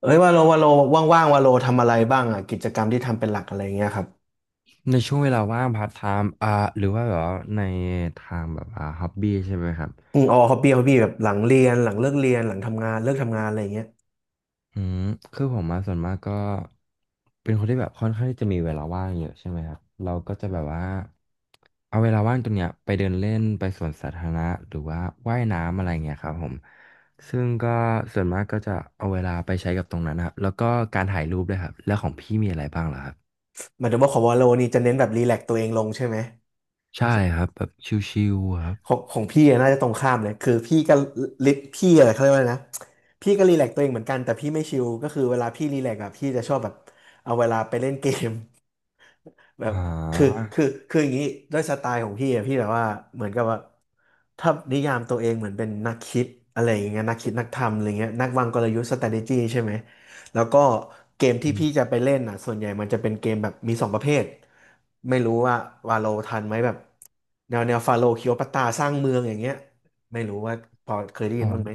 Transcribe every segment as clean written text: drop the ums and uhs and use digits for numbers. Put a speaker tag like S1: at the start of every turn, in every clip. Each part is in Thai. S1: เอ้ยวาโลวาโลว่างๆวาโลทำอะไรบ้างอ่ะกิจกรรมที่ทำเป็นหลักอะไรเงี้ยครับ
S2: ในช่วงเวลาว่างพาร์ทไทม์หรือว่าแบบว่าในทางแบบฮ็อบบี้ใช่ไหมครับ
S1: อืมอ๋อฮอบบี้ฮอบบี้แบบหลังเรียนหลังเลิกเรียนหลังทำงานเลิกทำงานอะไรเงี้ย
S2: อืมคือผมมาส่วนมากก็เป็นคนที่แบบค่อนข้างที่จะมีเวลาว่างเยอะใช่ไหมครับเราก็จะแบบว่าเอาเวลาว่างตรงเนี้ยไปเดินเล่นไปสวนสาธารณะหรือว่าว่ายน้ำอะไรเงี้ยครับผมซึ่งก็ส่วนมากก็จะเอาเวลาไปใช้กับตรงนั้นนะครับแล้วก็การถ่ายรูปด้วยครับแล้วของพี่มีอะไรบ้างเหรอครับ
S1: หมายถึงว่าของวาโลนี่จะเน้นแบบรีแลกซ์ตัวเองลงใช่ไหม
S2: ใช่
S1: ใช่
S2: ครับแบบชิลๆครับ
S1: ของของพี่อะน่าจะตรงข้ามเลยคือพี่ก็ลิพี่อะไรเขาเรียกว่าอะไรนะพี่ก็รีแลกซ์ตัวเองเหมือนกันแต่พี่ไม่ชิลก็คือเวลาพี่รีแลกซ์อ่ะพี่จะชอบแบบเอาเวลาไปเล่นเกม แบบคือ
S2: อ
S1: คือคืออย่างนี้ด้วยสไตล์ของพี่อะพี่แบบว่าเหมือนกับว่าถ้านิยามตัวเองเหมือนเป็นนักคิดอะไรอย่างเงี้ยนักคิดนักทำอะไรเงี้ยนักวางกลยุทธ์ strategy ใช่ไหมแล้วก็เกมที่พี่จะ
S2: อ
S1: ไปเล่นอ่ะส่วนใหญ่มันจะเป็นเกมแบบมีสองประเภทไม่รู้ว่าวาโลทันไหมแบบแนวแนวฟาโลคิโอปัตตาสร้างเมืองอย่างเงี้ยไม่รู้ว่าพอเคยได้ยิ
S2: อ๋อ
S1: นบ้างไหม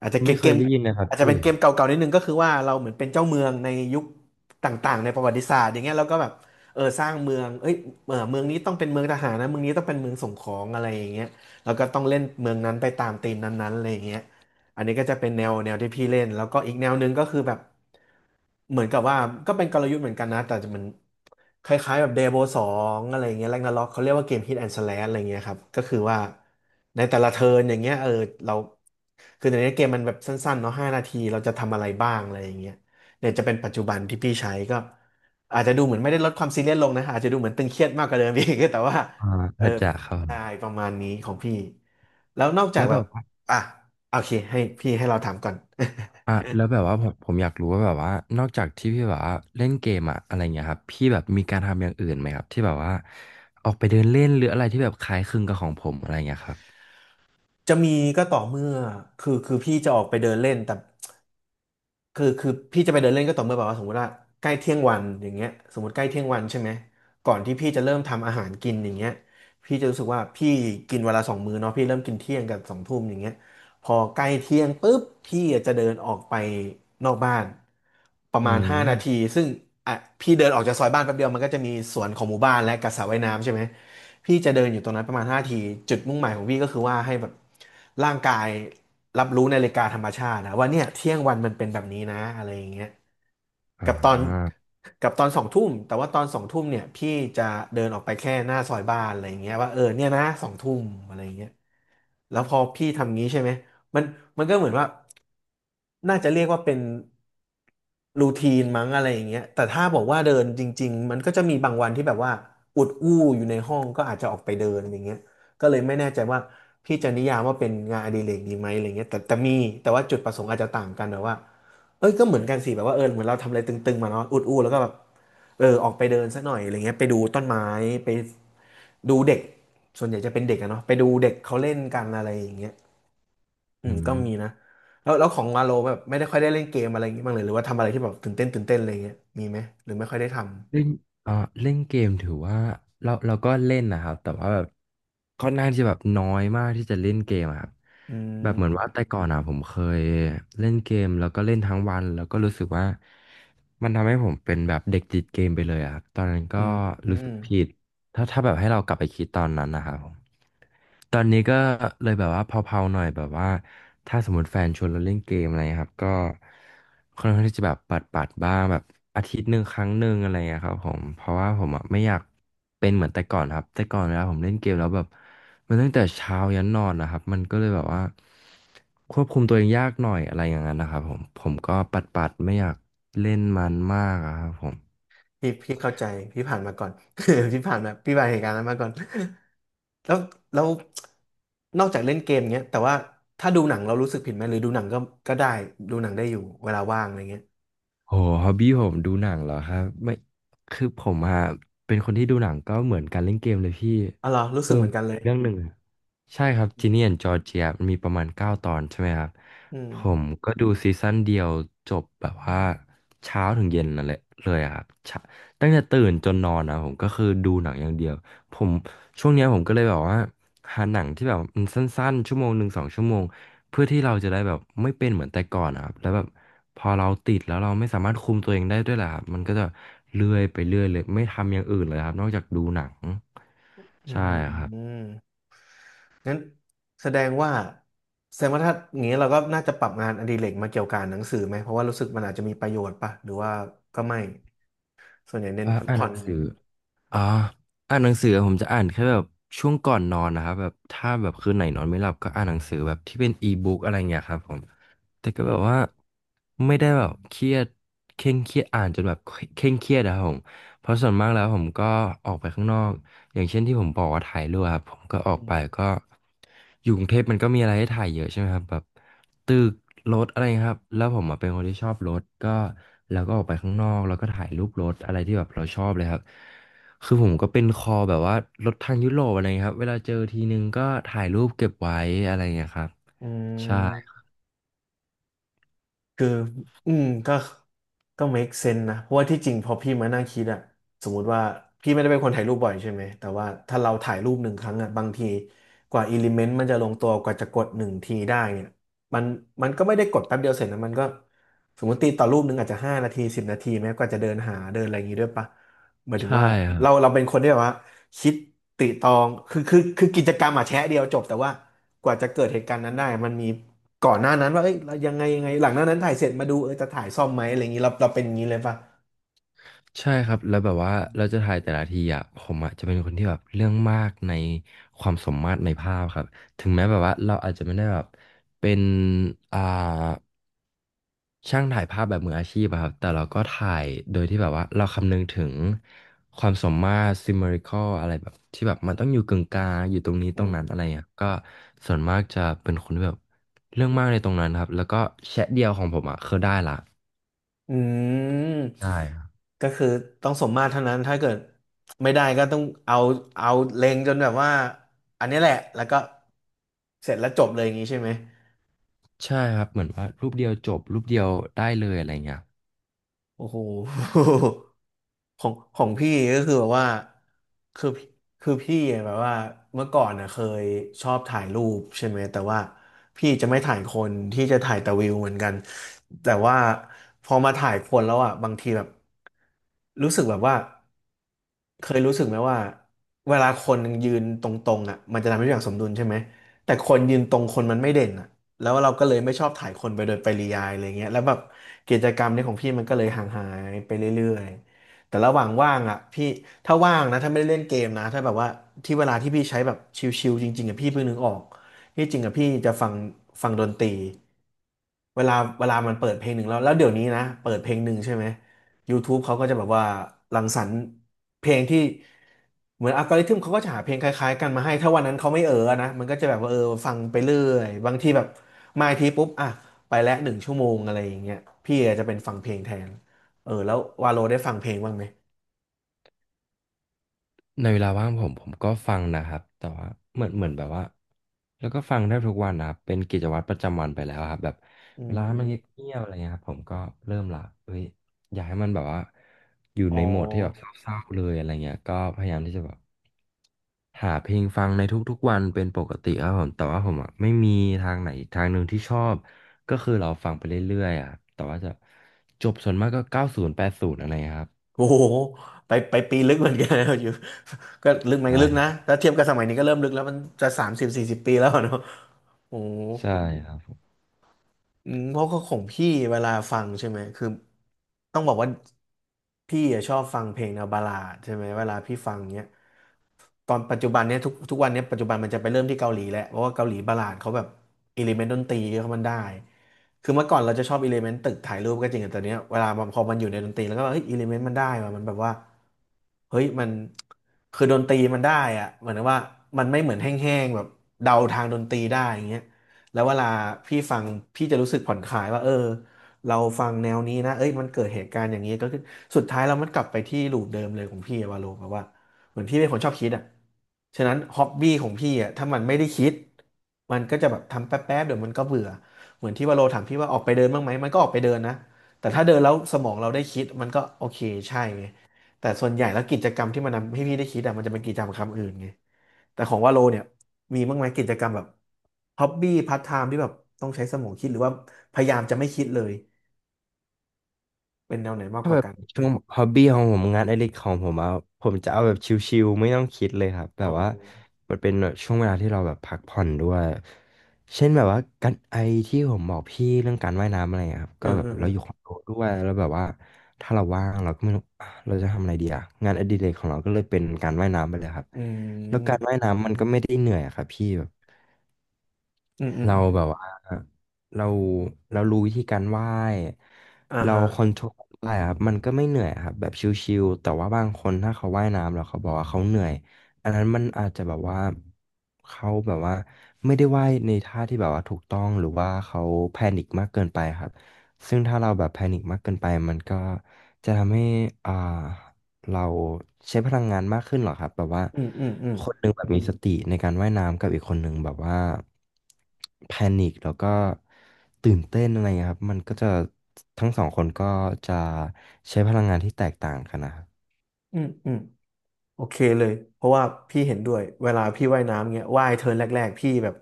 S1: อาจจะเก
S2: ไม่
S1: ม
S2: เค
S1: เก
S2: ย
S1: ม
S2: ได้ยินนะครับ
S1: อาจจะเป็น
S2: พี่
S1: เกมเก่าๆนิดนึงก็คือว่าเราเหมือนเป็นเจ้าเมืองในยุคต่างๆในประวัติศาสตร์อย่างเงี้ยเราก็แบบ เออสร้างเมืองเอ้ยเออเมืองนี้ต้องเป็นเมืองทหารนะเมืองนี้ต้องเป็นเมืองส่งของอะไรอย่างเงี้ยแล้วก็ต้องเล่นเมืองนั้นไปตามธีมนั้นๆอะไรอย่างเงี้ยอันนี้ก็จะเป็นแนวแนวที่พี่เล่นแล้วก็อีกแนวหนึ่งก็คือแบบเหมือนกับว่าก็เป็นกลยุทธ์เหมือนกันนะแต่จะมันคล้ายๆแบบเดโบสองอะไรเงี้ยแรกนาร็อกเขาเรียกว่าเกมฮิตแอนด์สแลชอะไรเงี้ยครับก็คือว่าในแต่ละเทิร์นอย่างเงี้ยเออเราคือในนี้เกมมันแบบสั้นๆเนาะห้านาทีเราจะทำอะไรบ้างอะไรอย่างเงี้ยเนี่ยจะเป็นปัจจุบันที่พี่ใช้ก็ อาจจะดูเหมือนไม่ได้ลดความซีเรียสลงนะอาจจะดูเหมือนตึงเครียดมากกว่าเดิมอีก แต่ว่า
S2: อ่า
S1: เออ
S2: ผัดจะครับ
S1: ใช่ประมาณนี้ของพี่แล้วนอกจาก
S2: แล้ว
S1: แบ
S2: แบ
S1: บ
S2: บว่า
S1: อ่ะโอเคให้พี่ให้เราถามก่อน
S2: แล้วแบบว่าผมอยากรู้ว่าแบบว่านอกจากที่พี่แบบว่าเล่นเกมอะอะไรเงี้ยครับพี่แบบมีการทำอย่างอื่นไหมครับที่แบบว่าออกไปเดินเล่นหรืออะไรที่แบบคล้ายคลึงกับของผมอะไรเงี้ยครับ
S1: จะมีก็ต่อเมื่อคือพี่จะออกไปเดินเล่นแต่คือพี่จะไปเดินเล่นก็ต่อเมื่อแบบว่าสมมติว่าใกล้เที่ยงวันอย่างเงี้ยสมมติใกล้เที่ยงวันใช่ไหมก่อนที่พี่จะเริ่มทำอาหารกินอย่างเงี้ยพี่จะรู้สึกว่าพี่กินเวนลาสองมื้อเนาะพี่เริ่มกินเที่ยงกับสองทุ่มอย่างเงี้ย พอใกล้เที่ยงปุ๊บพี่จะเดินออกไปนอกบ้านประมา
S2: อื
S1: ณ5
S2: ม
S1: นาทีซึ่งอ่ะพี่เดินออกจากซอยบ้านแป๊บเดียวมันก็จะมีสวนของหมู่บ้านและกับสระว่ายน้ำใช่ไหมพี่จะเดินอยู่ตรงนั้นประมาณห้านาทีจุดมุ่งหมายของพี่ก็คือว่าให้แบบร่างกายรับรู้นาฬิกาธรรมชาตินะว่าเนี่ยเที่ยงวันมันเป็นแบบนี้นะอะไรอย่างเงี้ย
S2: อ่า
S1: กับตอนกับตอนสองทุ่มแต่ว่าตอนสองทุ่มเนี่ยพี่จะเดินออกไปแค่หน้าซอยบ้านอะไรอย่างเงี้ยว่าเออเนี่ยนะสองทุ่มอะไรอย่างเงี้ยแล้วพอพี่ทำงี้ใช่ไหม มันมันก็เหมือนว่าน่าจะเรียกว่าเป็นรูทีนมั้งอะไรอย่างเงี้ยแต่ถ้าบอกว่าเดินจริงๆมันก็จะมีบางวันที่แบบว่าอุดอู้อยู่ในห้องก็อาจจะออกไปเดินอย่างเงี้ยก็เลยไม่แน่ใจว่าพี่จะนิยามว่าเป็นงานอดิเรกดีไหมอะไรเงี้ยแต่มีแต่ว่าจุดประสงค์อาจจะต่างกันแบบว่าเอ้ยก็เหมือนกันสิแบบว่าเออเหมือนเราทำอะไรตึงๆมาเนาะอุดอู้แล้วก็แบบเออออกไปเดินสักหน่อยอะไรเงี้ยไปดูต้นไม้ไปดูเด็กส่วนใหญ่จะเป็นเด็กอะเนาะไปดูเด็กเขาเล่นกันอะไรอย่างเงี้ย อื
S2: อื
S1: มก็มีนะ
S2: ม
S1: แล้วของวาโลแบบไม่ได้ค่อยได้เล่นเกมอะไรอย่างงี้บ้างเลยหรือว่าทำอะไรที่แบบตื่นเต้นตื่นเต้นอะไรเงี้ยมีไหมหรือไม่ค่อยได้ทำ
S2: เล่นเอ่อเล่นเกมถือว่าเราก็เล่นนะครับแต่ว่าแบบค่อนข้างที่จะแบบน้อยมากที่จะเล่นเกมอะครับ
S1: อื
S2: แบบเหมือน
S1: ม
S2: ว่าแต่ก่อนอ่ะผมเคยเล่นเกมแล้วก็เล่นทั้งวันแล้วก็รู้สึกว่ามันทำให้ผมเป็นแบบเด็กติดเกมไปเลยอะครับตอนนั้นก็
S1: อืมอื
S2: รู้สึ
S1: ม
S2: กผิด ถ้าแบบให้เรากลับไปคิดตอนนั้นนะครับผมตอนนี้ก็เลยแบบว่าเผาๆหน่อยแบบว่าถ้าสมมติแฟนชวนเราเล่นเกมอะไรครับก็ค่อนข้างที่จะแบบปัดๆบ้างแบบอาทิตย์หนึ่งครั้งหนึ่งอะไรอย่างเงี้ยครับผมเพราะว่าผมอ่ะไม่อยากเป็นเหมือนแต่ก่อนครับแต่ก่อนเวลาผมเล่นเกมแล้วแบบมันตั้งแต่เช้ายันนอนนะครับมันก็เลยแบบว่าควบคุมตัวเองยากหน่อยอะไรอย่างนั้นนะครับผมก็ปัดๆไม่อยากเล่นมันมากอะครับผม
S1: พี่เข้าใจพี่ผ่านมาก่อน พี่ผ่านมาพี่ผ่านเหตุการณ์นั้นมาก่อนแล้วแล้วนอกจากเล่นเกมเงี้ยแต่ว่าถ้าดูหนังเรารู้สึกผิดไหมหรือดูหนังก็ได้ดูหนังได้อยู่เวลาว่างอะไรเงี้ย
S2: โหฮอบบี้ผมดูหนังเหรอครับไม่คือผมอะเป็นคนที่ดูหนังก็เหมือนการเล่นเกมเลยพี่
S1: อ๋อเหรอรู้สึ
S2: คือ
S1: กเหมือนกันเลย
S2: เรื่องหนึ่งอะใช่ครับจีเนียนจอร์เจียมันมีประมาณเก้าตอนใช่ไหมครับ
S1: อืม
S2: ผมก็ดูซีซั่นเดียวจบแบบว่าเช้าถึงเย็นนั่นแหละเลยอะครับเช้าตั้งแต่ตื่นจนนอนนะผมก็คือดูหนังอย่างเดียวผมช่วงเนี้ยผมก็เลยแบบว่าหาหนังที่แบบมันสั้นๆชั่วโมงหนึ่ง2 ชั่วโมง เพื่อที่เราจะได้แบบไม่เป็นเหมือนแต่ก่อนนะครับแล้วแบบพอเราติดแล้วเราไม่สามารถคุมตัวเองได้ด้วยแหละครับมันก็จะเลื่อยไปเรื่อยเลยไม่ทำอย่างอื่นเลยครับนอกจากดูหนัง
S1: อื
S2: ใช่ครับ
S1: ม งั้นแสดงว่าแสดงว่าถ้าอย่างนี้เราก็น่าจะปรับงานอดิเรกมาเกี่ยวกับหนังสือไหมเพราะว่ารู้สึกมันอาจจะมีประโยชน์ป่ะหรือว่าก็ไม่ส่วนใหญ่เน้นพัก
S2: อ่านห
S1: ผ่
S2: นั
S1: อน
S2: งสือ อ่าอ่านหนังสือผมจะอ่านแค่แบบช่วงก่อนนอนนะครับแบบถ้าแบบคืนไหนนอนไม่หลับก็อ่านหนังสือแบบที่เป็นอีบุ๊กอะไรเงี้ยครับผมแต่ก็
S1: อื
S2: แบบ
S1: ม
S2: ว่าไม่ได้แบบเคร่งเครียดอ่านจนแบบเคร่งเครียดนะครับผมเพราะส่วนมากแล้วผมก็ออกไปข้างนอกอย่างเช่นที่ผมบอกว่าถ่ายรูปครับผมก็ออก
S1: อืม
S2: ไปก็อยู่กรุงเทพมันก็มีอะไรให้ถ่ายเยอะใช่ไหมครับแบบตึกรถอะไรครับแล้วผมอะเป็นคนที่ชอบรถก็แล้วก็ออกไปข้างนอกแล้วก็ถ่ายรูปรถอะไรที่แบบเราชอบเลยครับ คือผมก็เป็นคอแบบว่ารถทางยุโรปอะไรเงี้ยครับ เวลาเจอทีนึงก็ถ่ายรูปเก็บไว้อะไรเงี้ยครับ
S1: อื
S2: ใช่
S1: ม คืออืมก็ก็ make sense นะเพราะว่าที่จริงพอพี่มานั่งคิดอะสมมุติว่าพี่ไม่ได้เป็นคนถ่ายรูปบ่อยใช่ไหมแต่ว่าถ้าเราถ่ายรูปหนึ่งครั้งอะบางทีกว่าอิเลเมนต์มันจะลงตัวกว่าจะกดหนึ่งทีได้เนี่ยมันมันก็ไม่ได้กดแป๊บเดียวเสร็จนะมันก็สมมติตีต่อรูปหนึ่งอาจจะ5 นาที 10 นาทีแม้กว่าจะเดินหาเดินอะไรอย่างงี้ด้วยปะหมายถึง
S2: ใช่
S1: ว่า
S2: ครับ
S1: เราเป็นคนที่แบบว่าคิดติตรองคือกิจกรรมอะแชะเดียวจบแต่ว่ากว่าจะเกิดเหตุการณ์นั้นได้มันมี ก่อนหน้านั้นว่าเอ้ยเรายังไงยังไงหลังหน้านั้นถ่ายเสร็จมาดูเออจะถ่ายซ่อมไหมอะไรอย่างนี้เราเป็นอย่างนี้เลยป่ะ
S2: ใช่ครับ แล้วแบบว่าเราจะถ่ายแต่ละทีอ่ะผมอ่ะจะเป็นคนที่แบบเรื่องมากในความสมมาตรในภาพครับ ถึงแม้แบบว่าเราอาจจะไม่ได้แบบเป็นอ่า ช่างถ่ายภาพแบบมืออาชีพอะครับแต่เราก็ถ่ายโดยที่แบบว่าเราคำนึงถึงความสมมาตร symmetrical อะไรแบบที่แบบมันต้องอยู่กึ่งกลางอยู่ตรงนี้
S1: อื
S2: ตรง
S1: ม
S2: นั้นอะไรเงี้ยก็ส่วนมากจะเป็นคนที่แบบเรื่องมากในตรงนั้นครับแล้วก็แชะเดียวของผมอะคือได้ละ
S1: อืม
S2: ได้ครับ
S1: ก็คือต้องสมมาตรเท่านั้นถ้าเกิดไม่ได้ก็ต้องเอาเล็งจนแบบว่าอันนี้แหละแล้วก็เสร็จแล้วจบเลยอย่างนี้ใช่ไหม
S2: ใช่ครับเหมือนว่ารูปเดียวจบรูปเดียวได้เลยอะไรเงี้ย
S1: โอ้โห ของของพี่ก็คือแบบว่าคือคือพี่แบบว่า เมื่อก่อนนะเคยชอบถ่ายรูปใช่ไหมแต่ว่าพี่จะไม่ถ่ายคนที่จะถ่ายแต่วิวเหมือนกันแต่ว่าพอมาถ่ายคนแล้วอ่ะบางทีแบบรู้สึกแบบว่าเคยรู้สึกไหมว่าเวลาคนยืนตรงๆอ่ะมันจะทำให้ทุกอย่างสมดุลใช่ไหมแต่คนยืนตรงคนมันไม่เด่นอ่ะ แล้วเราก็เลยไม่ชอบถ่ายคนไปโดยปริยายอะไรเงี้ยแล้วแบบกิจกรรมนี้ของพี่มันก็เลยห่างหายไปเรื่อยๆแต่ระหว่างว่างอ่ะพี่ถ้าว่างนะถ้าไม่ได้เล่นเกมนะถ้าแบบว่าที่เวลาที่พี่ใช้แบบชิลๆจริงๆอ่ะพี่เพิ่งนึกออกที่จริงอ่ะพี่จะฟังดนตรีเวลามันเปิดเพลงหนึ่งแล้วเดี๋ยวนี้นะเปิดเพลงหนึ่งใช่ไหม YouTube เขาก็จะแบบว่ารังสรรค์เพลงที่เหมือนอัลกอริทึมเขาก็จะหาเพลงคล้ายๆกันมาให้ถ้าวันนั้นเขาไม่เออนะมันก็จะแบบว่าเออฟังไปเรื่อยบางทีแบบมาอีกทีปุ๊บอ่ะไปแล้ว1 ชั่วโมงอะไรอย่างเงี้ยพี่อาจจะเป็นฟังเพลงแทนเออแล้ววาโลได้ฟังเพลงบ้างไหม
S2: ในเวลาว่างผมก็ฟังนะครับแต่ว่าเหมือนแบบว่าแล้วก็ฟังได้ทุกวันนะครับเป็นกิจวัตรประจำวันไปแล้วครับแบบ
S1: อื
S2: เวลามันเ
S1: ม
S2: งียบๆอะไรเงี้ยครับผมก็เริ่มละเอ้ยอยากให้มันแบบว่าอยู่
S1: อ๋อ
S2: ในโหมดที่แบบเศร้าๆเลยอะไรเงี้ยก็พยายามที่จะแบบหาเพลงฟังในทุกๆวันเป็นปกติครับผมแต่ว่าผมอ่ะไม่มีทางไหนอีกทางหนึ่งที่ชอบก็คือเราฟังไปเรื่อยๆอ่ะแต่ว่าจะจบส่วนมากก็90 80อะไรเงี้ยครับ
S1: โอ้โหไปปีลึกเหมือนกันนะอยู่ ก็ลึกไหมก็
S2: ใช่
S1: ลึกนะแล้วเทียบกับสมัยนี้ก็เริ่มลึกแล้วมันจะ30-40 ปีแล้วอะเนาะโอ้โ
S2: ใช่
S1: ห
S2: ครับ
S1: อืมเพราะก็ของพี่เวลาฟังใช่ไหมคือต้องบอกว่าพี่อะชอบฟังเพลงแนวบัลลาดใช่ไหมเวลาพี่ฟังเนี้ยตอนปัจจุบันเนี้ยทุกทุกวันเนี้ยปัจจุบันมันจะไปเริ่มที่เกาหลีแหละเพราะว่าเกาหลีบัลลาดเขาแบบอิเลเมนต์ดนตรีเขามันได้คือเมื่อก่อนเราจะชอบอิเลเมนต์ตึกถ่ายรูปก็จริงแต่ตอนเนี้ยเวลามันพอมันอยู่ในดนตรีแล้วก็แบบเฮ้ยอิเลเมนต์มันได้ว่ะมันแบบว่าเฮ้ยมันคือดนตรีมันได้อะเหมือนว่ามันไม่เหมือนแห้งๆแบบเดาทางดนตรีได้อย่างเงี้ย แล้วเวลาพี่ฟังพี่จะรู้สึกผ่อนคลายว่าเออเราฟังแนวนี้นะเอ้ยมันเกิดเหตุการณ์อย่างนี้ก็ขึ้นสุดท้ายแรามันกลับไปที่ลูปเดิมเลยของพี่อะว่าโลแบบว่าเหมือนพี่เป็นคนชอบคิดอ่ะฉะนั้นฮอบบี้ของพี่อ่ะถ้ามันไม่ได้คิดมันก็จะแบบทำแป๊บๆเดี๋ยวมันก็เบื่อเหมือนที่ว่าโลถามพี่ว่าออกไปเดินบ้างไหมมันก็ออกไปเดินนะแต่ถ้าเดินแล้วสมองเราได้คิดมันก็โอเคใช่ไงแต่ส่วนใหญ่แล้วกิจกรรมที่มันทำให้พี่ได้คิดอ่ะมันจะเป็นกิจกรรมคำอื่นไงแต่ของว่าโลเนี่ย มีบ้างไหมกิจกรรมแบบฮอบบี้พาร์ทไทม์ที่แบบต้องใช้สมองคิดหรือว่าพยายามจะไม่คิดเลยเป็นแนวไหนมาก
S2: ถ้า
S1: ก
S2: แบ
S1: ว่า
S2: บ
S1: กัน
S2: ช่วงฮอบบี้ของผมงานอดิเรกของผมอะผมจะเอาแบบชิลๆไม่ต้องคิดเลยครับแบ
S1: อ๋
S2: บ
S1: อ
S2: ว่ามันเป็นแบบช่วงเวลาที่เราแบบพักผ่อนด้วยเช่นแบบว่าการไอที่ผมบอกพี่เรื่องการว่ายน้ำอะไรอะครับ
S1: เอ
S2: ก็
S1: อ
S2: แบ
S1: เอ
S2: บ
S1: อเอ
S2: เรา
S1: อ
S2: อยู่คอนโดด้วยแล้วแบบว่าถ้าเราว่างเราก็ไม่รู้อ่ะเราจะทำอะไรดีอะงานอดิเรกของเราก็เลยเป็นการว่ายน้ำไปเลยครับ
S1: อื
S2: แล้วการ
S1: ม
S2: ว่ายน้ำมันก็ไม่ได้เหนื่อยอะครับพี่
S1: อืมอืม
S2: เรา
S1: อืม
S2: แบบว่าเราเรารู้วิธีการไหว้
S1: อ่า
S2: เรา
S1: ฮะ
S2: คอนโทรลไหว้อะครับมันก็ไม่เหนื่อยครับแบบชิลๆแต่ว่าบางคนถ้าเขาว่ายน้ำแล้วเขาบอกว่าเขาเหนื่อยอันนั้นมันอาจจะแบบว่าเขาแบบว่าไม่ได้ว่ายในท่าที่แบบว่าถูกต้องหรือว่าเขาแพนิคมากเกินไปครับซึ่งถ้าเราแบบแพนิคมากเกินไปมันก็จะทำให้อ่า เราใช้พลังงานมากขึ้นเหรอครับแบบว่า
S1: อืมอืมอืม
S2: คนหนึ่งแบบมีสติในการว่ายน้ำกับอีกคนหนึ่งแบบว่าแพนิคแล้วก็ตื่นเต้นอะไรเงี้ยครับมันก็จะทั้งสองคนก็จะใช้พลังงานที่แตกต่างกันนะครับ
S1: อืมอืม โอเคเลย เพราะว่าพี่เห็นด้วย เวลาพี่ว่ายน้ำเงี้ยว่ายเทิร์นแรกๆ พี่แบบ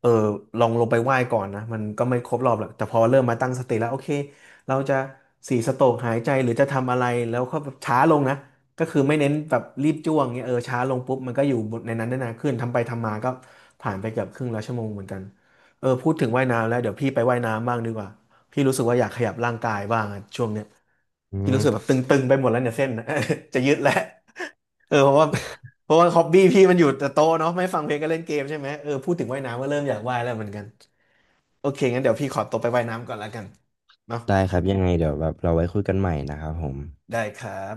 S1: เออลองลงไปว่ายก่อนนะ มันก็ไม่ครบรอบหรอกแต่พอเริ่มมาตั้งสติแล้วโอเค เราจะ4 สโตรกหายใจหรือจะทำอะไรแล้วก็แบบช้าลงนะ ก็คือไม่เน้นแบบรีบจ้วงเงี้ยเออช้าลงปุ๊บมันก็อยู่ในนั้นได้นานขึ้นทำไปทำมาก็ผ่านไปเกือบครึ่งแล้วชั่วโมงเหมือนกันเออพูดถึงว่ายน้ำแล้วเดี๋ยวพี่ไปว่ายน้ำบ้างดีกว่าพี่รู้สึกว่าอยากขยับร่างกายบ้างอะช่วงเนี้ย
S2: อื
S1: พี่
S2: ม
S1: รู้สึกแบบตึงๆไปหมดแล้วเนี่ยเส้นนะ จะยืดแล้ว เออเพราะว่าฮอบบี้พี่มันอยู่แต่โต๊ะเนาะไม่ฟังเพลงก็เล่นเกมใช่ไหมเออพูดถึงว่ายน้ำก็เริ่มอยากว่ายแล้วเหมือนกันโอเคงั้นเดี๋ยวพี่ขอตัวไปว่ายน้ำก่อนแล้วกันเนาะ
S2: ได้ครับยังไงเดี๋ยวแบบเราไว้คุยกันใหม่นะครับผม
S1: ได้ครับ